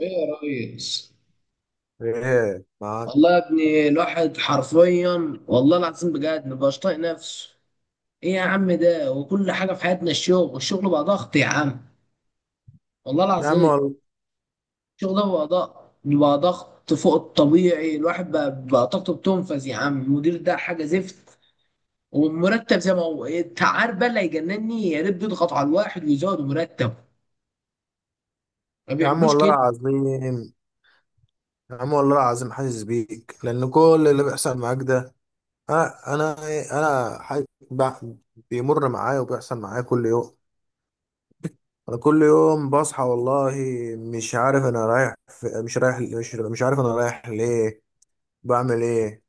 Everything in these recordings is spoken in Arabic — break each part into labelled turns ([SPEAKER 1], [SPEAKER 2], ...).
[SPEAKER 1] ايه يا ريس.
[SPEAKER 2] ايه معاك؟
[SPEAKER 1] والله يا ابني الواحد حرفيا والله العظيم بجد مبقاش طايق نفسه. ايه يا عم ده، وكل حاجه في حياتنا، الشغل بقى ضغط يا عم. والله
[SPEAKER 2] يا عم
[SPEAKER 1] العظيم.
[SPEAKER 2] والله،
[SPEAKER 1] الشغل ده بقى ضغط، فوق الطبيعي. الواحد بقى طاقته بتنفذ يا عم. المدير ده حاجه زفت، والمرتب زي ما هو. إيه، انت عارف بقى اللي هيجنني؟ يا ريت بيضغط على الواحد ويزودوا مرتبه، ما
[SPEAKER 2] يا عم
[SPEAKER 1] بيعملوش
[SPEAKER 2] والله
[SPEAKER 1] كده.
[SPEAKER 2] العظيم، يا عم والله العظيم حاسس بيك لان كل اللي بيحصل معاك ده، انا إيه، ب- بيمر معايا وبيحصل معايا كل يوم. انا كل يوم بصحى والله مش عارف انا رايح في... مش رايح، مش عارف انا رايح ليه، بعمل ايه.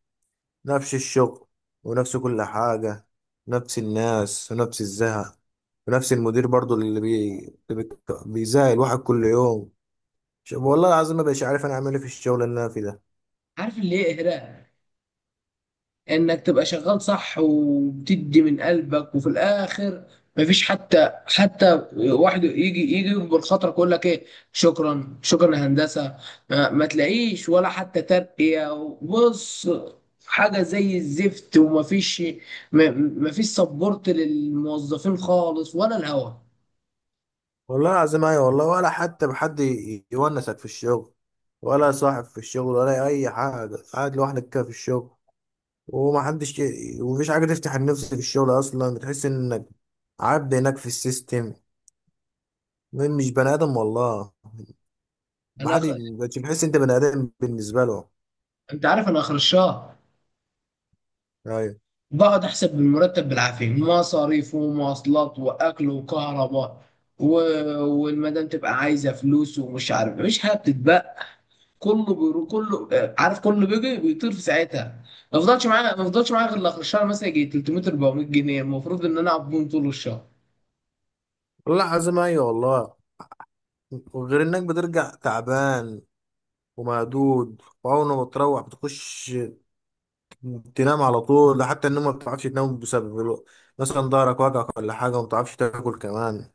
[SPEAKER 2] نفس الشغل ونفس كل حاجة، نفس الناس ونفس الزهق، ونفس المدير برضو اللي بي... بيزهق الواحد كل يوم. والله العظيم ما بقيتش عارف انا اعمل ايه في الشغل اللي انا فيه ده.
[SPEAKER 1] عارف اللي ايه اهراء؟ انك تبقى شغال صح وبتدي من قلبك، وفي الاخر مفيش حتى واحد يجي يكبر خاطرك يقول لك ايه، شكرا شكرا يا هندسه. ما تلاقيش ولا حتى ترقيه. بص، حاجه زي الزفت. ومفيش ما- مفيش سبورت للموظفين خالص ولا الهوا.
[SPEAKER 2] والله العظيم ايوه والله، ولا حتى بحد يونسك في الشغل، ولا صاحب في الشغل ولا اي حاجه، قاعد لوحدك كده في الشغل، ومفيش حاجه تفتح النفس في الشغل، اصلا بتحس انك عبد هناك في السيستم، مش بني ادم والله.
[SPEAKER 1] انا
[SPEAKER 2] محد
[SPEAKER 1] أخ...
[SPEAKER 2] مبقتش بتحس انت بني ادم بالنسبه له.
[SPEAKER 1] انت عارف انا اخر الشهر
[SPEAKER 2] ايوه
[SPEAKER 1] بقعد احسب المرتب بالعافيه، مصاريف ومواصلات واكل وكهرباء، و... والمدام تبقى عايزه فلوس ومش عارف، مفيش حاجه بتتبقى. كله بيرو، كله عارف، كله بيجي بيطير في ساعتها. ما فضلش معايا غير اخر الشهر مثلا يجي 300 400 جنيه المفروض ان انا اقعد بيهم طول الشهر.
[SPEAKER 2] والله العظيم، ايوه والله، وغير انك بترجع تعبان ومهدود، وأول ما بتروح بتخش تنام على طول. ده حتى النوم ما بتعرفش تنام بسبب مثلا ضهرك وجعك ولا حاجة، وما بتعرفش تاكل كمان،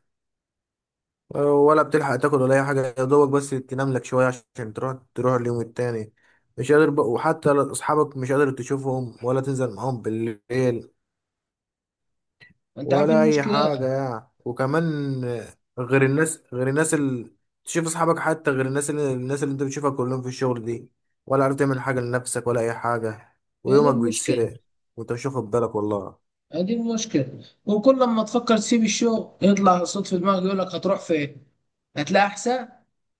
[SPEAKER 2] ولا بتلحق تاكل ولا أي حاجة، يا دوبك بس تنام لك شوية عشان تروح اليوم التاني. مش قادر بق... وحتى ل- أصحابك مش قادر تشوفهم ولا تنزل معاهم بالليل
[SPEAKER 1] انت عارف إيه
[SPEAKER 2] ولا أي
[SPEAKER 1] المشكله؟
[SPEAKER 2] حاجة يعني. وكمان غير الناس اللي تشوف أصحابك، حتى غير الناس اللي أنت بتشوفها كلهم في الشغل دي، ولا عارف تعمل حاجة لنفسك ولا أي حاجة،
[SPEAKER 1] هي دي
[SPEAKER 2] ويومك
[SPEAKER 1] المشكله.
[SPEAKER 2] بيتسرق وأنت مش واخد بالك والله.
[SPEAKER 1] هي دي المشكله، وكل لما تفكر تسيب الشغل يطلع صوت في دماغك يقول لك هتروح فين؟ هتلاقي احسن؟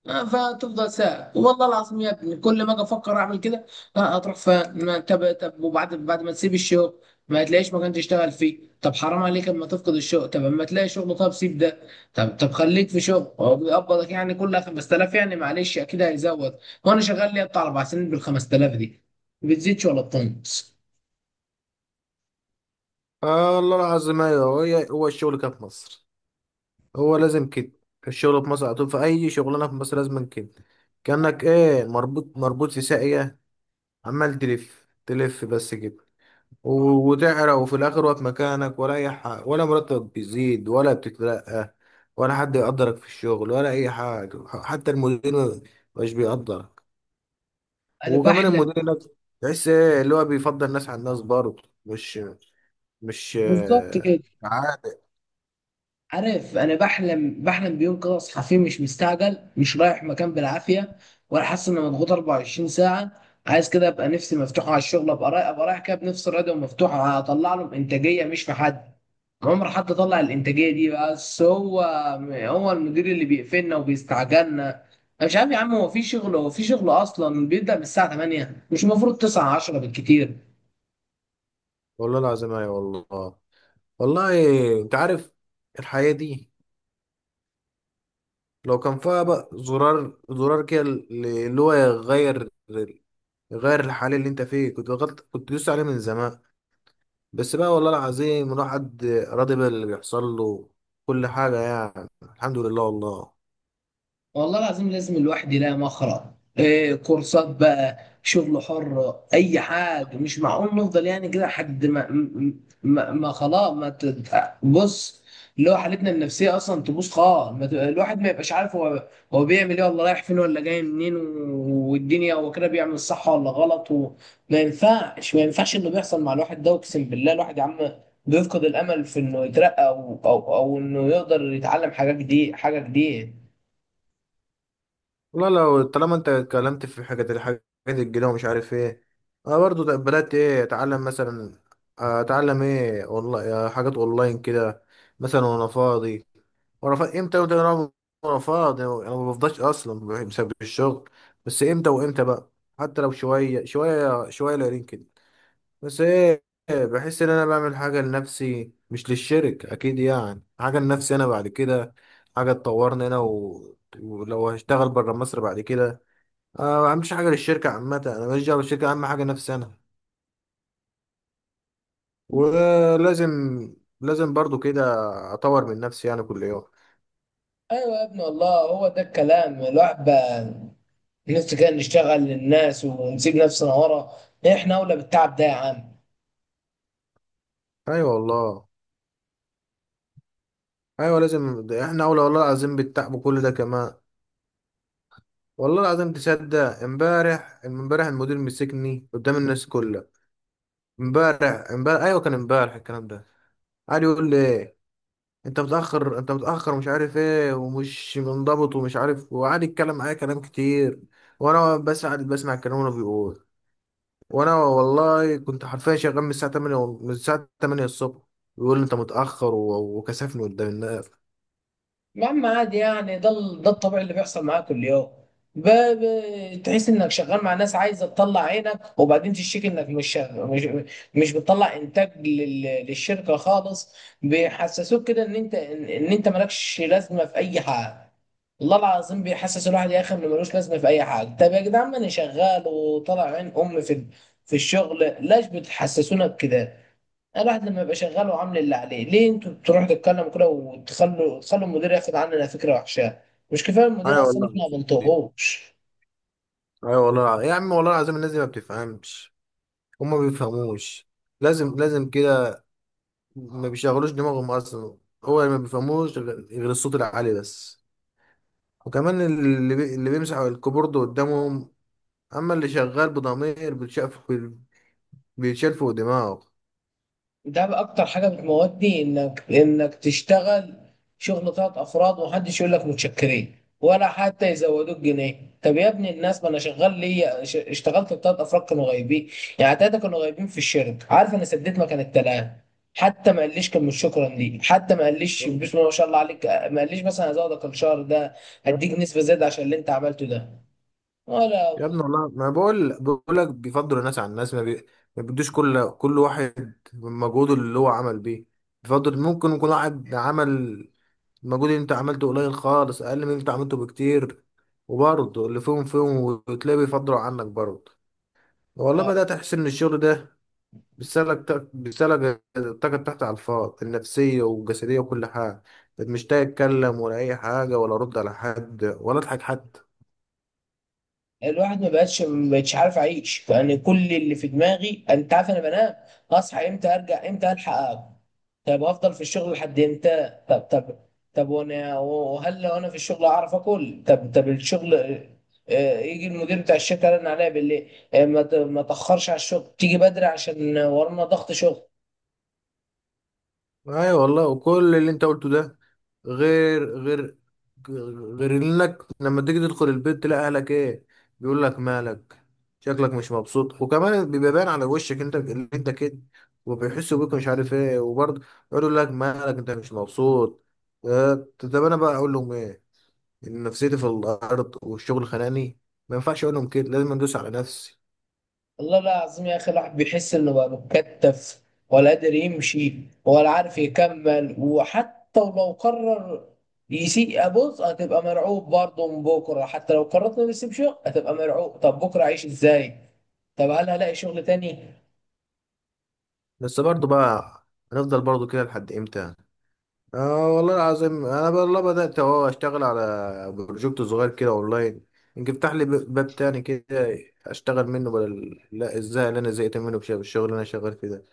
[SPEAKER 1] فتفضل ساعة. والله العظيم يا ابني كل ما اجي افكر اعمل كده، هتروح فين؟ طب وبعد ما تسيب الشغل ما تلاقيش مكان تشتغل فيه. طب حرام عليك اما تفقد الشغل. طب اما تلاقي شغل، طب سيب ده. طب خليك في شغل هو بيقبضك، يعني كل 5000 يعني معلش اكيد هيزود. وانا شغال لي بتاع 4 سنين بال 5000 دي، بتزيدش ولا بتنقص.
[SPEAKER 2] آه والله العظيم أيوه، هو هو الشغل كده في مصر، هو لازم كده. الشغل في مصر على طول، في أي شغلانة في مصر لازم كده، كأنك إيه مربوط مربوط في ساقية، عمال تلف تلف بس كده. وتعرق، وفي الآخر واقف مكانك، ولا أي حاجة، ولا مرتب بيزيد ولا بتترقى، ولا حد يقدرك في الشغل ولا أي حاجة، حتى المدير مش بيقدرك.
[SPEAKER 1] انا
[SPEAKER 2] وكمان
[SPEAKER 1] بحلم.
[SPEAKER 2] المدير هناك تحس إيه اللي هو بيفضل الناس على الناس، برضه مش.
[SPEAKER 1] بالظبط كده.
[SPEAKER 2] آه،
[SPEAKER 1] عارف، انا بحلم بيوم كده اصحى فيه مش مستعجل، مش رايح مكان بالعافيه، ولا حاسس اني مضغوط 24 ساعه. عايز كده ابقى نفسي مفتوحه على الشغل، ابقى رايح كده بنفس راضيه ومفتوحه، هطلع لهم انتاجيه مش في حد. عمر حد طلع الانتاجيه دي، بس هو، هو المدير اللي بيقفلنا وبيستعجلنا. انا مش عارف يا عم، هو في شغل اصلا بيبدا من الساعه 8، مش المفروض 9 10 بالكتير؟
[SPEAKER 2] والله العظيم ايوه والله. والله انت عارف الحياة دي لو كان فيها بقى زرار كده اللي هو يغير، الحال اللي انت فيه، كنت غلط، كنت دوست عليه من زمان. بس بقى والله العظيم الواحد راضي باللي بيحصل له، كل حاجة يعني، الحمد لله والله.
[SPEAKER 1] والله العظيم لازم الواحد يلاقي مخرج. إيه، كورسات بقى، شغل حر، اي حاجه. مش معقول نفضل يعني كده لحد ما خلاص ما تد... بص، اللي هو حالتنا النفسيه اصلا تبوظ خالص. ما ت- الواحد ما يبقاش عارف هو بيعمل ايه، ولا رايح فين، ولا جاي منين، والدنيا هو كده بيعمل صح ولا غلط. وما ينفعش ما ينفعش انه بيحصل مع الواحد ده. اقسم بالله الواحد يا عم بيفقد الامل في انه يترقى او انه يقدر يتعلم حاجه جديده حاجه جديده.
[SPEAKER 2] والله لو طالما انت اتكلمت في حاجة، الحاجات الجديدة ومش عارف ايه، انا برضو بدأت ايه اتعلم، مثلا اتعلم ايه، والله حاجات اونلاين كده مثلا وانا فاضي ورفض امتى وامتى، انا رفض يعني انا ما بفضاش اصلا بسبب الشغل، بس امتى وامتى بقى، حتى لو شويه شويه شويه قليلين كده. بس ايه، بحس ان انا بعمل حاجه لنفسي مش للشركه، اكيد يعني حاجه لنفسي انا بعد كده، حاجه تطورني ولو هشتغل بره مصر بعد كده. أنا ما بعملش حاجه للشركه عامه، انا ماليش دعوه بالشركه، اهم حاجه نفسي انا. ولازم برضو كده اطور من نفسي يعني كل يوم.
[SPEAKER 1] ايوه يا ابن الله، هو ده الكلام. الواحد بقى نفسه كده نشتغل للناس ونسيب نفسنا ورا. احنا اولى بالتعب ده يا عم.
[SPEAKER 2] ايوه والله، ايوه لازم، ده احنا اولى والله العظيم بالتعب كل ده كمان. والله العظيم تصدق، امبارح المدير مسكني قدام الناس كلها، امبارح ايوه كان امبارح الكلام ده. قعد يقول لي انت متاخر، انت متاخر، مش عارف ايه، ومش منضبط ومش عارف، وقعد يتكلم معايا كلام كتير، وانا بس قاعد بسمع الكلام اللي بيقول. وانا والله كنت حرفيا شغال من الساعه 8، من الساعه 8 الصبح، بيقول لي انت متاخر وكسفني قدام الناس.
[SPEAKER 1] يا عم عادي يعني، ده الطبيعي اللي بيحصل معاك كل يوم. تحس انك شغال مع ناس عايزه تطلع عينك، وبعدين تشتكي انك مش شغ- مش مش بتطلع انتاج للشركه خالص. بيحسسوك كده ان انت ان إن انت مالكش لازمه في اي حاجه. والله العظيم بيحسس الواحد يا اخي انه ملوش لازمه في اي حاجه. طب يا جدعان، ما انا شغال وطالع عين امي في الشغل، ليش بتحسسونا بكده؟ الواحد لما يبقى شغال وعامل اللي عليه، ليه انتوا بتروحوا تتكلموا كده تخلوا المدير ياخد عننا فكره وحشه؟ مش كفايه المدير
[SPEAKER 2] ايوه
[SPEAKER 1] اصلا
[SPEAKER 2] والله،
[SPEAKER 1] احنا ما بنطقهوش.
[SPEAKER 2] ايوه والله يا عم والله العظيم الناس دي ما بتفهمش، هما ما بيفهموش. لازم كده، ما بيشغلوش دماغهم اصلا. هو اللي ما بيفهموش غير الصوت العالي بس، وكمان اللي بيمسح الكيبورد قدامهم. اما اللي شغال بضمير بيتشاف، بيتشال فوق دماغه.
[SPEAKER 1] ده بقى اكتر حاجه بتموتني، انك تشتغل شغل 3 افراد ومحدش يقول لك متشكرين، ولا حتى يزودوك جنيه. طب يا ابني الناس، ما انا شغال ليا اشتغلت ب3 افراد كانوا غايبين. يعني ثلاثه كانوا غايبين في الشركه، عارف، انا سديت مكان ال3. حتى ما قاليش كلمه شكرا لي، حتى ما قاليش بسم الله ما شاء الله عليك، ما قاليش مثلا هزودك الشهر ده، هديك نسبه زياده عشان اللي انت عملته ده، ولا.
[SPEAKER 2] يا ابني والله ما بقول بقول لك بيفضلوا الناس على الناس، ما بيدوش كل واحد مجهوده اللي هو عمل بيه. بيفضل، ممكن يكون واحد عمل المجهود اللي انت عملته قليل خالص، اقل من اللي انت عملته بكتير، وبرضه اللي فيهم وتلاقيه بيفضلوا عنك برضه. والله بدأت احس ان الشغل ده بيسالك الطاقة تحت على الفاضي، النفسية والجسدية وكل حاجة، مش تتكلم ولا أي حاجة، ولا أرد على حد ولا أضحك حتى.
[SPEAKER 1] الواحد ما بقتش عارف اعيش. فانا كل اللي في دماغي انت عارف انا بنام، اصحى امتى، ارجع امتى، الحق أقعد. طب افضل في الشغل لحد امتى؟ طب وانا وهل لو انا في الشغل اعرف اكل؟ طب الشغل، يجي المدير بتاع الشركه رن عليا بالليل، ما تاخرش على الشغل، تيجي بدري عشان ورانا ضغط شغل.
[SPEAKER 2] ايوه والله، وكل اللي انت قلته ده، غير غير غير انك لما تيجي تدخل البيت تلاقي اهلك ايه؟ بيقول لك مالك؟ شكلك مش مبسوط، وكمان بيبقى باين على وشك انت اللي انت كده، وبيحسوا بيك مش عارف ايه، وبرضه يقولوا لك مالك، انت مش مبسوط. آه، طب انا بقى اقول لهم ايه؟ ان نفسيتي في الارض والشغل خانقني؟ ما ينفعش اقول لهم كده، لازم ادوس على نفسي.
[SPEAKER 1] والله العظيم يا اخي الواحد بيحس انه بقى متكتف، ولا قادر يمشي، ولا عارف يكمل. وحتى لو قرر يسيء، بص، هتبقى مرعوب برضه من بكره. حتى لو قررت انه يسيب شغل هتبقى مرعوب، طب بكره اعيش ازاي؟ طب هل هلاقي شغل تاني؟
[SPEAKER 2] بس برضه بقى، هنفضل برضه كده لحد امتى؟ اه والله العظيم انا والله بدات اهو اشتغل على بروجكت صغير كده اونلاين، يمكن يفتح لي باب تاني كده اشتغل منه بدل لا الزهق اللي انا زهقت منه بسبب الشغل اللي انا شغال فيه ده.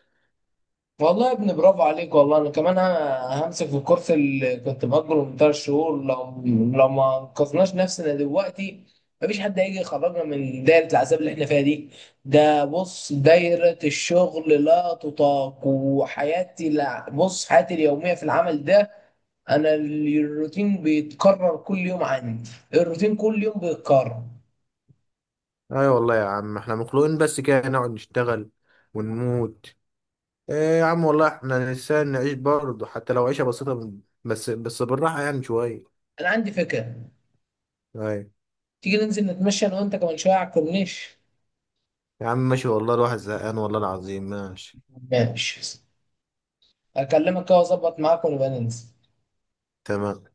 [SPEAKER 1] والله يا ابني برافو عليك. والله انا كمان همسك في الكورس اللي كنت مأجره من 3 شهور. لو ما انقذناش نفسنا دلوقتي، مفيش حد هيجي يخرجنا من دايرة العذاب اللي احنا فيها دي. ده بص دايرة الشغل لا تطاق، وحياتي، لا بص، حياتي اليومية في العمل ده، انا الروتين بيتكرر كل يوم عندي، الروتين كل يوم بيتكرر.
[SPEAKER 2] ايوه والله يا عم، احنا مخلوقين بس كده نقعد نشتغل ونموت؟ ايه يا عم والله، احنا نسان نعيش برضه حتى لو عيشه بسيطه، بس بالراحه يعني شويه.
[SPEAKER 1] انا عندي فكرة.
[SPEAKER 2] ايوه
[SPEAKER 1] تيجي ننزل نتمشى انا وانت كمان شوية على الكورنيش؟
[SPEAKER 2] يا عم ماشي والله، الواحد زهقان والله العظيم، ماشي.
[SPEAKER 1] ماشي. اكلمك كده واظبط معاك ونبقى ننزل.
[SPEAKER 2] تمام.